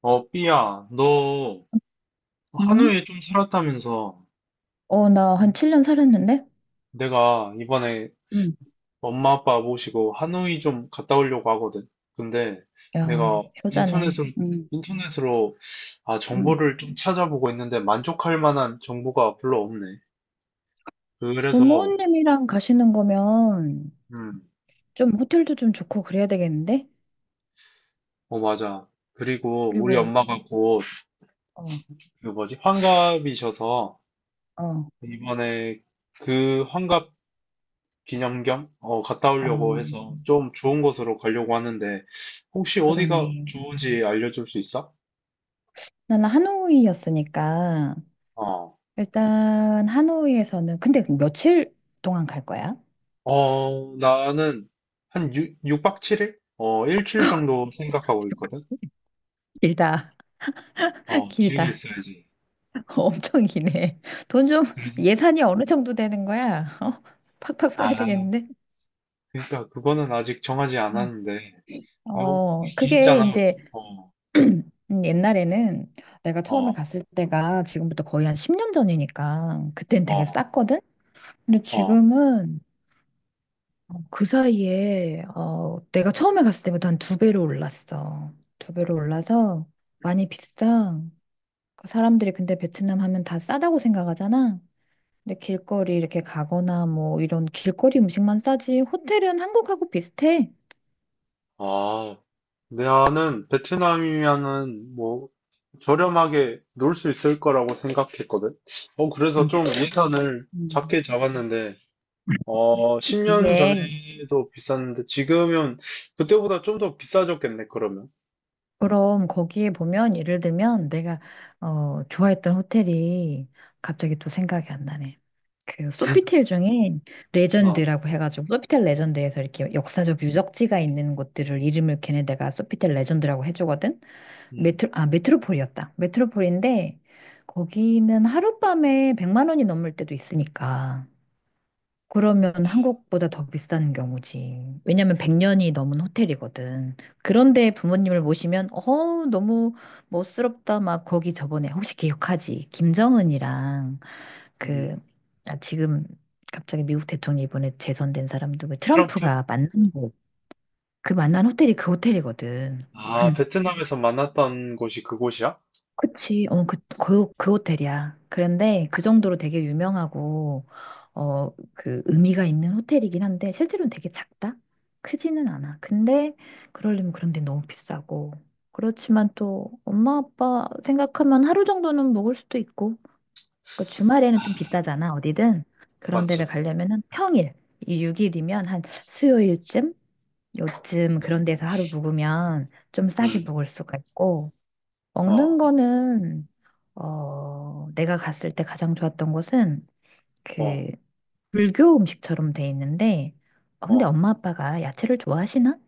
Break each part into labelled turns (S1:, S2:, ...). S1: 삐야, 너
S2: 응?
S1: 하노이에 좀 살았다면서.
S2: 나 한 7년 살았는데?
S1: 내가 이번에
S2: 응,
S1: 엄마 아빠 모시고 하노이 좀 갔다 오려고 하거든. 근데
S2: 야,
S1: 내가
S2: 효자네.
S1: 인터넷으로,
S2: 응,
S1: 인터넷으로
S2: 응.
S1: 정보를 좀 찾아보고 있는데 만족할 만한 정보가 별로 없네. 그래서.
S2: 부모님이랑 가시는 거면
S1: 음,
S2: 좀 호텔도 좀 좋고 그래야 되겠는데?
S1: 맞아. 그리고 우리
S2: 그리고,
S1: 엄마가 곧
S2: 어,
S1: 그 뭐지, 환갑이셔서
S2: 어,
S1: 이번에 그 환갑 기념 겸 갔다
S2: 어,
S1: 오려고 해서 좀 좋은 곳으로 가려고 하는데 혹시 어디가
S2: 그러네.
S1: 좋은지 알려줄 수 있어?
S2: 나는 하노이였으니까,
S1: 어,
S2: 일단 하노이에서는, 근데 며칠 동안 갈 거야?
S1: 나는 한 육박칠일 일주일 정도 생각하고 있거든?
S2: 길다,
S1: 길게
S2: 길다.
S1: 있어야지.
S2: 엄청 기네. 돈 좀,
S1: 그래서
S2: 예산이 어느 정도 되는 거야? 어? 팍팍 써야
S1: 아,
S2: 되겠는데?
S1: 그러니까 그거는 아직 정하지
S2: 어,
S1: 않았는데 이거
S2: 그게
S1: 길잖아.
S2: 이제
S1: 어.
S2: 옛날에는 내가
S1: 어.
S2: 처음에 갔을 때가 지금부터 거의 한 10년 전이니까 그땐 되게
S1: 어.
S2: 쌌거든? 근데
S1: 어.
S2: 지금은 그 사이에 내가 처음에 갔을 때보다 한 두 배로 올랐어. 두 배로 올라서 많이 비싸. 그 사람들이 근데 베트남 하면 다 싸다고 생각하잖아. 근데 길거리 이렇게 가거나 뭐 이런 길거리 음식만 싸지 호텔은 한국하고 비슷해.
S1: 아. 나는 베트남이면은 뭐 저렴하게 놀 수 있을 거라고 생각했거든. 그래서
S2: 응.
S1: 좀 예산을
S2: 음.
S1: 작게 잡았는데, 10년
S2: 그게
S1: 전에도 비쌌는데, 지금은 그때보다 좀 더 비싸졌겠네, 그러면.
S2: 그럼 거기에 보면 예를 들면 내가 좋아했던 호텔이 갑자기 또 생각이 안 나네. 그 소피텔 중에
S1: 아.
S2: 레전드라고 해가지고 소피텔 레전드에서 이렇게 역사적 유적지가 있는 곳들을 이름을 걔네들가 소피텔 레전드라고 해주거든.
S1: 음.
S2: 메트로 아, 메트로폴이었다. 메트로폴인데 거기는 하룻밤에 100만 원이 넘을 때도 있으니까. 그러면 한국보다 더 비싼 경우지. 왜냐면 100년이 넘은 호텔이거든. 그런데 부모님을 모시면, 너무 멋스럽다. 막 거기 저번에, 혹시 기억하지? 김정은이랑 그,
S1: 음.
S2: 아, 지금 갑자기 미국 대통령 이번에 재선된 사람 누구,
S1: 트럼프?
S2: 트럼프가 만난 곳. 그 만난 호텔이 그 호텔이거든.
S1: 아, 베트남에서 만났던 곳이 그곳이야?
S2: 그치. 그 호텔이야. 그런데 그 정도로 되게 유명하고, 그 의미가 있는 호텔이긴 한데, 실제로는 되게 작다? 크지는 않아. 근데, 그러려면 그런 데 너무 비싸고. 그렇지만 또, 엄마, 아빠 생각하면 하루 정도는 묵을 수도 있고, 그 주말에는 좀 비싸잖아, 어디든. 그런 데를
S1: 맞지?
S2: 가려면은 평일, 이 6일이면 한 수요일쯤? 요쯤 그런
S1: 음.
S2: 데서 하루 묵으면 좀 싸게
S1: 음.
S2: 묵을 수가 있고,
S1: 어.
S2: 먹는 거는 내가 갔을 때 가장 좋았던 곳은 그
S1: 어.
S2: 불교 음식처럼 돼 있는데 근데
S1: 어.
S2: 엄마 아빠가 야채를 좋아하시나?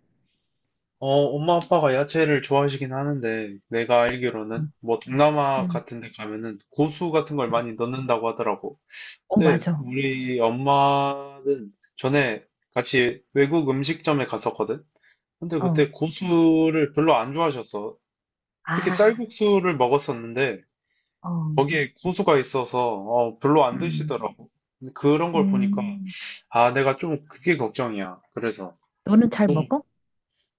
S1: 어, 엄마 아빠가 야채를 좋아하시긴 하는데, 내가 알기로는,
S2: 응.
S1: 뭐, 동남아
S2: 응.
S1: 같은 데 가면은 고수 같은 걸
S2: 응.
S1: 많이 넣는다고 하더라고.
S2: 어,
S1: 근데
S2: 맞아.
S1: 우리 엄마는 전에 같이 외국 음식점에 갔었거든? 근데
S2: 어.
S1: 그때 고수를 별로 안 좋아하셨어. 특히
S2: 아.
S1: 쌀국수를 먹었었는데,
S2: 어.
S1: 거기에 고수가 있어서, 별로 안
S2: 음.
S1: 드시더라고. 근데 그런 걸 보니까,
S2: 음.
S1: 아, 내가 좀 그게 걱정이야. 그래서.
S2: 너는 잘
S1: 또
S2: 먹어?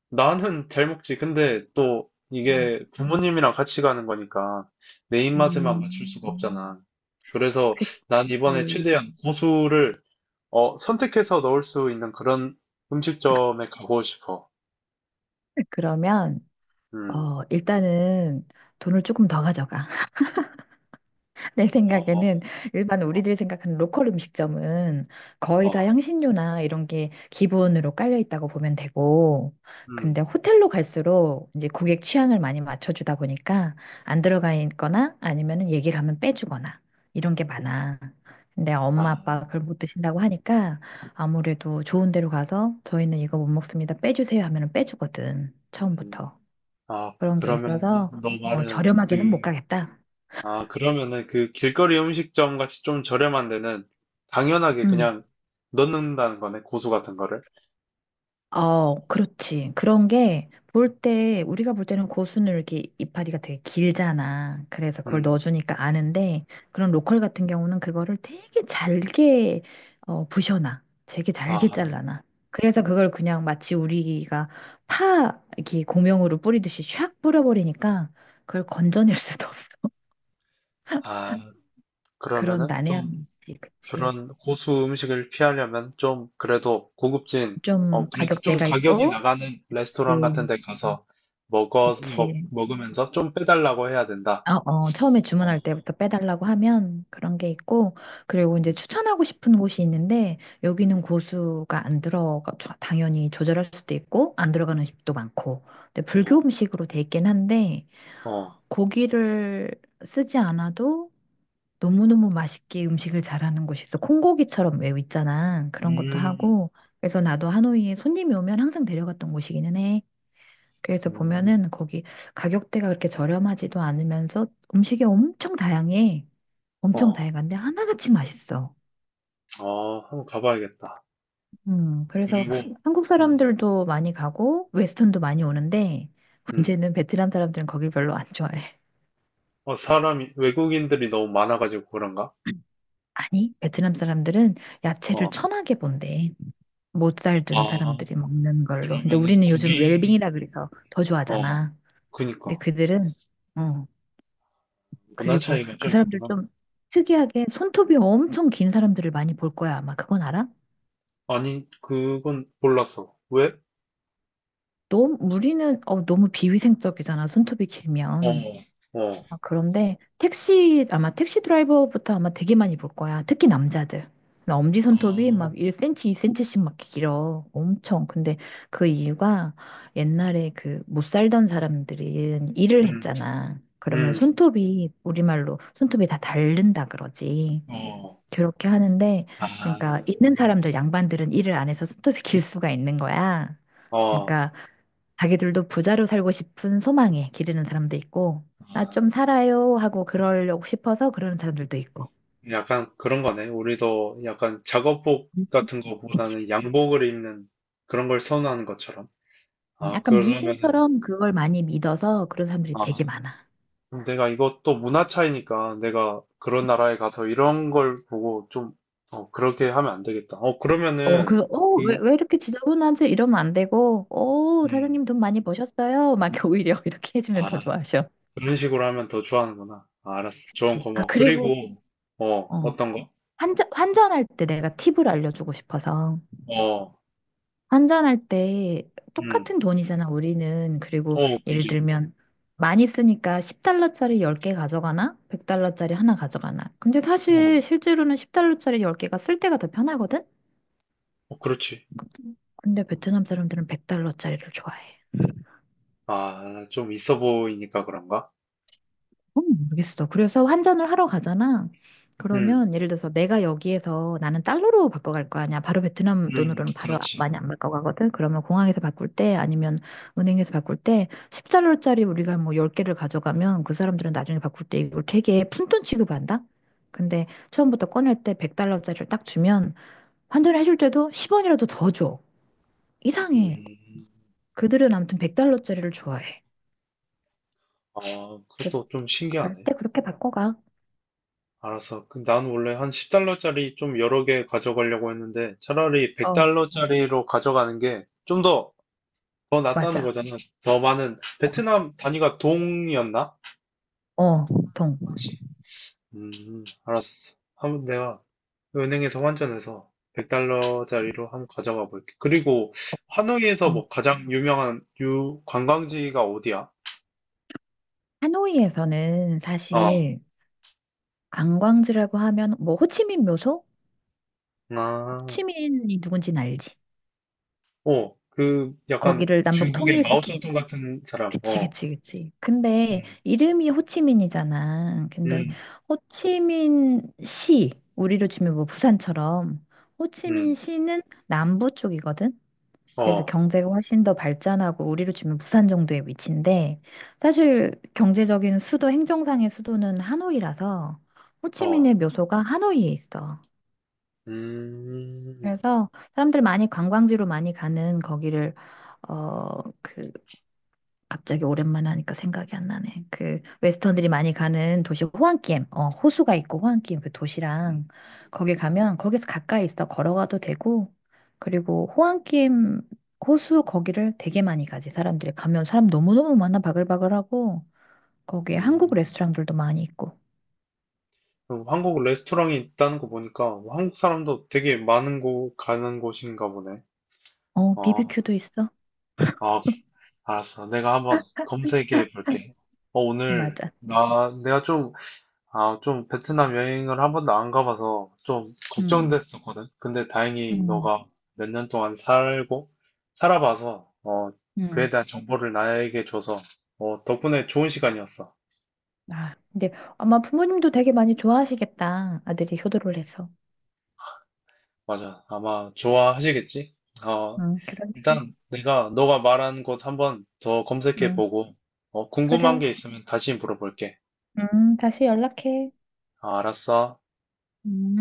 S1: 나는 잘 먹지. 근데 또
S2: 음.
S1: 이게 부모님이랑 같이 가는 거니까 내 입맛에만 맞출 수가
S2: 음.
S1: 없잖아. 그래서
S2: 그치.
S1: 난 이번에 최대한 고수를 선택해서 넣을 수 있는 그런 음식점에 가고 싶어.
S2: 그러면
S1: 음.
S2: 일단은 돈을 조금 더 가져가. 내
S1: 어.
S2: 생각에는 일반 우리들이 생각하는 로컬 음식점은 거의 다
S1: 어.
S2: 향신료나 이런 게 기본으로 깔려 있다고 보면 되고,
S1: 음.
S2: 근데 호텔로 갈수록 이제 고객 취향을 많이 맞춰주다 보니까 안 들어가 있거나 아니면은 얘기를 하면 빼주거나 이런 게 많아. 근데
S1: 아.
S2: 엄마 아빠가 그걸 못 드신다고 하니까 아무래도 좋은 데로 가서 저희는 이거 못 먹습니다. 빼주세요 하면은 빼주거든.
S1: 음.
S2: 처음부터.
S1: 아,
S2: 그런 게
S1: 그러면
S2: 있어서
S1: 너 말은
S2: 저렴하게는 못
S1: 그.
S2: 가겠다.
S1: 아, 그러면은 그 길거리 음식점 같이 좀 저렴한 데는 당연하게
S2: 음.
S1: 그냥 넣는다는 거네, 고수 같은 거를.
S2: 어, 그렇지. 그런 게 볼 때, 우리가 볼 때는 고수는 이렇게 이파리가 되게 길잖아. 그래서 그걸
S1: 음.
S2: 넣어주니까 아는데, 그런 로컬 같은 경우는 그거를 되게 잘게 부셔놔. 되게 잘게
S1: 아.
S2: 잘라놔. 그래서 그걸 그냥 마치 우리가 파, 이렇게 고명으로 뿌리듯이 샥 뿌려버리니까 그걸 건져낼 수도 없어.
S1: 아.
S2: 그런
S1: 그러면은
S2: 난해함이
S1: 좀
S2: 있지. 그치.
S1: 그런 고수 음식을 피하려면 좀 그래도 고급진.
S2: 좀
S1: 그래도 좀
S2: 가격대가
S1: 가격이
S2: 있고,
S1: 나가는 레스토랑 같은
S2: 네.
S1: 데 가서
S2: 그치.
S1: 먹으면서 좀 빼달라고 해야 된다.
S2: 처음에
S1: 어.
S2: 주문할 때부터 빼달라고 하면 그런 게 있고, 그리고 이제
S1: 음.
S2: 추천하고 싶은 곳이 있는데, 여기는
S1: 음.
S2: 고수가 안 들어가, 당연히 조절할 수도 있고, 안 들어가는 집도 많고, 근데 불교
S1: 어.
S2: 음식으로 돼 있긴 한데,
S1: 어.
S2: 고기를 쓰지 않아도 너무너무 맛있게 음식을 잘하는 곳이 있어. 콩고기처럼 외우 있잖아. 그런 것도
S1: 음.
S2: 하고, 그래서 나도 하노이에 손님이 오면 항상 데려갔던 곳이기는 해. 그래서
S1: 음.
S2: 보면은 거기 가격대가 그렇게 저렴하지도 않으면서 음식이 엄청 다양해. 엄청
S1: 어.
S2: 다양한데 하나같이 맛있어.
S1: 한번 가봐야겠다.
S2: 그래서
S1: 그리고.
S2: 한국
S1: 음.
S2: 사람들도 많이 가고 웨스턴도 많이 오는데
S1: 음.
S2: 문제는 베트남 사람들은 거길 별로 안 좋아해.
S1: 외국인들이 너무 많아가지고 그런가?
S2: 아니, 베트남 사람들은 야채를
S1: 어,
S2: 천하게 본대. 못 살던
S1: 아,
S2: 사람들이 먹는 걸로. 근데
S1: 그러면은
S2: 우리는 요즘
S1: 국이,
S2: 웰빙이라 그래서 더
S1: 어,
S2: 좋아하잖아. 근데
S1: 그니까.
S2: 그들은, 어,
S1: 문화
S2: 그리고
S1: 차이가
S2: 그
S1: 좀
S2: 사람들
S1: 있구나.
S2: 좀 특이하게 손톱이 엄청 긴 사람들을 많이 볼 거야. 아마 그건 알아?
S1: 아니, 그건 몰랐어. 왜?
S2: 너무 우리는 너무 비위생적이잖아. 손톱이
S1: 어.
S2: 길면.
S1: 어.
S2: 아, 그런데 택시 아마 택시 드라이버부터 아마 되게 많이 볼 거야. 특히 남자들. 엄지 손톱이 막
S1: 어.
S2: 1cm, 2cm씩 막 길어. 엄청. 근데 그 이유가 옛날에 그 못 살던 사람들이 일을
S1: 음.
S2: 했잖아. 그러면
S1: 음.
S2: 손톱이 우리말로 손톱이 다 닳는다 그러지.
S1: 어.
S2: 그렇게 하는데,
S1: 아.
S2: 그러니까 있는 사람들, 양반들은 일을 안 해서 손톱이 길 수가 있는 거야.
S1: 아. 어.
S2: 그러니까 자기들도 부자로 살고 싶은 소망에 기르는 사람도 있고, 나 좀
S1: 아.
S2: 살아요 하고 그러려고 싶어서 그러는 사람들도 있고.
S1: 약간 그런 거네. 우리도 약간 작업복
S2: 음.
S1: 같은
S2: 그치.
S1: 거보다는 양복을 입는 그런 걸 선호하는 것처럼. 아,
S2: 약간
S1: 그러면은.
S2: 미신처럼 그걸 많이 믿어서 그런 사람들이 되게
S1: 아,
S2: 많아.
S1: 아, 내가 이것도 문화 차이니까 내가 그런 나라에 가서 이런 걸 보고 좀. 그렇게 하면 안 되겠다. 그러면은, 그.
S2: 왜 이렇게 지저분하지? 이러면 안 되고,
S1: 음,
S2: 사장님 돈 많이 버셨어요? 막 이렇게 오히려 이렇게 해주면
S1: 아,
S2: 더 좋아하셔.
S1: 그런 식으로 하면 더 좋아하는구나. 아, 알았어. 조언
S2: 그치. 아,
S1: 고마워.
S2: 그리고,
S1: 그리고,
S2: 어,
S1: 어떤 거?
S2: 환전할 때 내가 팁을 알려주고 싶어서.
S1: 어.
S2: 환전할 때
S1: 음.
S2: 똑같은 돈이잖아, 우리는. 그리고
S1: 어.
S2: 예를
S1: 그지.
S2: 들면 많이 쓰니까 10달러짜리 10개 가져가나? 100달러짜리 하나 가져가나? 근데
S1: 어.
S2: 사실 실제로는 10달러짜리 10개가 쓸 때가 더 편하거든?
S1: 어. 그렇지.
S2: 근데
S1: 음.
S2: 베트남 사람들은 100달러짜리를 좋아해.
S1: 아, 좀 있어 보이니까 그런가?
S2: 모르겠어. 그래서 환전을 하러 가잖아.
S1: 음.
S2: 그러면 예를 들어서 내가 여기에서 나는 달러로 바꿔갈 거 아니야. 바로 베트남
S1: 음.
S2: 돈으로는 바로
S1: 그렇지.
S2: 많이 안 바꿔가거든. 그러면 공항에서 바꿀 때 아니면 은행에서 바꿀 때 10달러짜리 우리가 뭐 10개를 가져가면 그 사람들은 나중에 바꿀 때 이걸 되게 푼돈 취급한다. 근데 처음부터 꺼낼 때 100달러짜리를 딱 주면 환전을 해줄 때도 10원이라도 더 줘. 이상해.
S1: 음,
S2: 그들은 아무튼 100달러짜리를 좋아해.
S1: 아,
S2: 그래서
S1: 그것도 좀
S2: 갈
S1: 신기하네.
S2: 때 그렇게 바꿔가.
S1: 알았어. 그, 난 원래 한 10달러짜리 좀 여러 개 가져가려고 했는데, 차라리
S2: 어,
S1: 100달러짜리로 가져가는 게 좀 더 낫다는
S2: 맞아.
S1: 거잖아. 더 많은, 베트남 단위가 동이었나?
S2: 어, 보통.
S1: 맞지? 음, 알았어. 한번 내가 은행에서 환전해서 100달러짜리로 한번 가져가 볼게. 그리고 하노이에서
S2: 음.
S1: 뭐 가장 유명한 유 관광지가 어디야?
S2: 하노이에서는
S1: 어,
S2: 사실 관광지라고 하면 뭐 호치민 묘소?
S1: 아,
S2: 호치민이 누군지는 알지.
S1: 그 약간
S2: 거기를 남북
S1: 중국의
S2: 통일시킨.
S1: 마오쩌둥 같은 사람.
S2: 그치,
S1: 어.
S2: 그치, 그치.
S1: 음.
S2: 근데 이름이 호치민이잖아. 근데
S1: 음.
S2: 호치민 시, 우리로 치면 뭐 부산처럼 호치민
S1: 음.
S2: 시는 남부 쪽이거든. 그래서
S1: 어.
S2: 경제가 훨씬 더 발전하고 우리로 치면 부산 정도의 위치인데 사실 경제적인 수도 행정상의 수도는 하노이라서
S1: 어.
S2: 호치민의 묘소가 하노이에 있어.
S1: 음.
S2: 그래서 사람들 많이 관광지로 많이 가는 거기를 어그 갑자기 오랜만에 하니까 생각이 안 나네. 그 웨스턴들이 많이 가는 도시 호안끼엠, 호수가 있고 호안끼엠 그
S1: 음.
S2: 도시랑 거기 가면 거기서 가까이 있어 걸어가도 되고 그리고 호안끼엠 호수 거기를 되게 많이 가지 사람들이 가면 사람 너무너무 많아 바글바글하고 거기에 한국
S1: 음.
S2: 레스토랑들도 많이 있고
S1: 한국 레스토랑이 있다는 거 보니까 한국 사람도 되게 많은 곳 가는 곳인가 보네. 아,
S2: 비비큐도 있어.
S1: 아, 알았어. 내가 한번 검색해 볼게. 어, 오늘,
S2: 맞아.
S1: 나, 내가 좀, 아, 좀 베트남 여행을 한 번도 안 가봐서 좀
S2: 음.
S1: 걱정됐었거든. 근데 다행히
S2: 음,
S1: 너가 몇 년 동안 살아봐서, 그에
S2: 음.
S1: 대한 정보를 나에게 줘서, 덕분에 좋은 시간이었어.
S2: 아, 근데 아마 부모님도 되게 많이 좋아하시겠다. 아들이 효도를 해서.
S1: 맞아. 아마 좋아하시겠지? 어,
S2: 응, 그렇지.
S1: 일단 내가 너가 말한 곳 한번 더 검색해
S2: 응,
S1: 보고, 궁금한
S2: 그래.
S1: 게 있으면 다시 물어볼게.
S2: 다시 연락해.
S1: 아, 알았어.
S2: 음.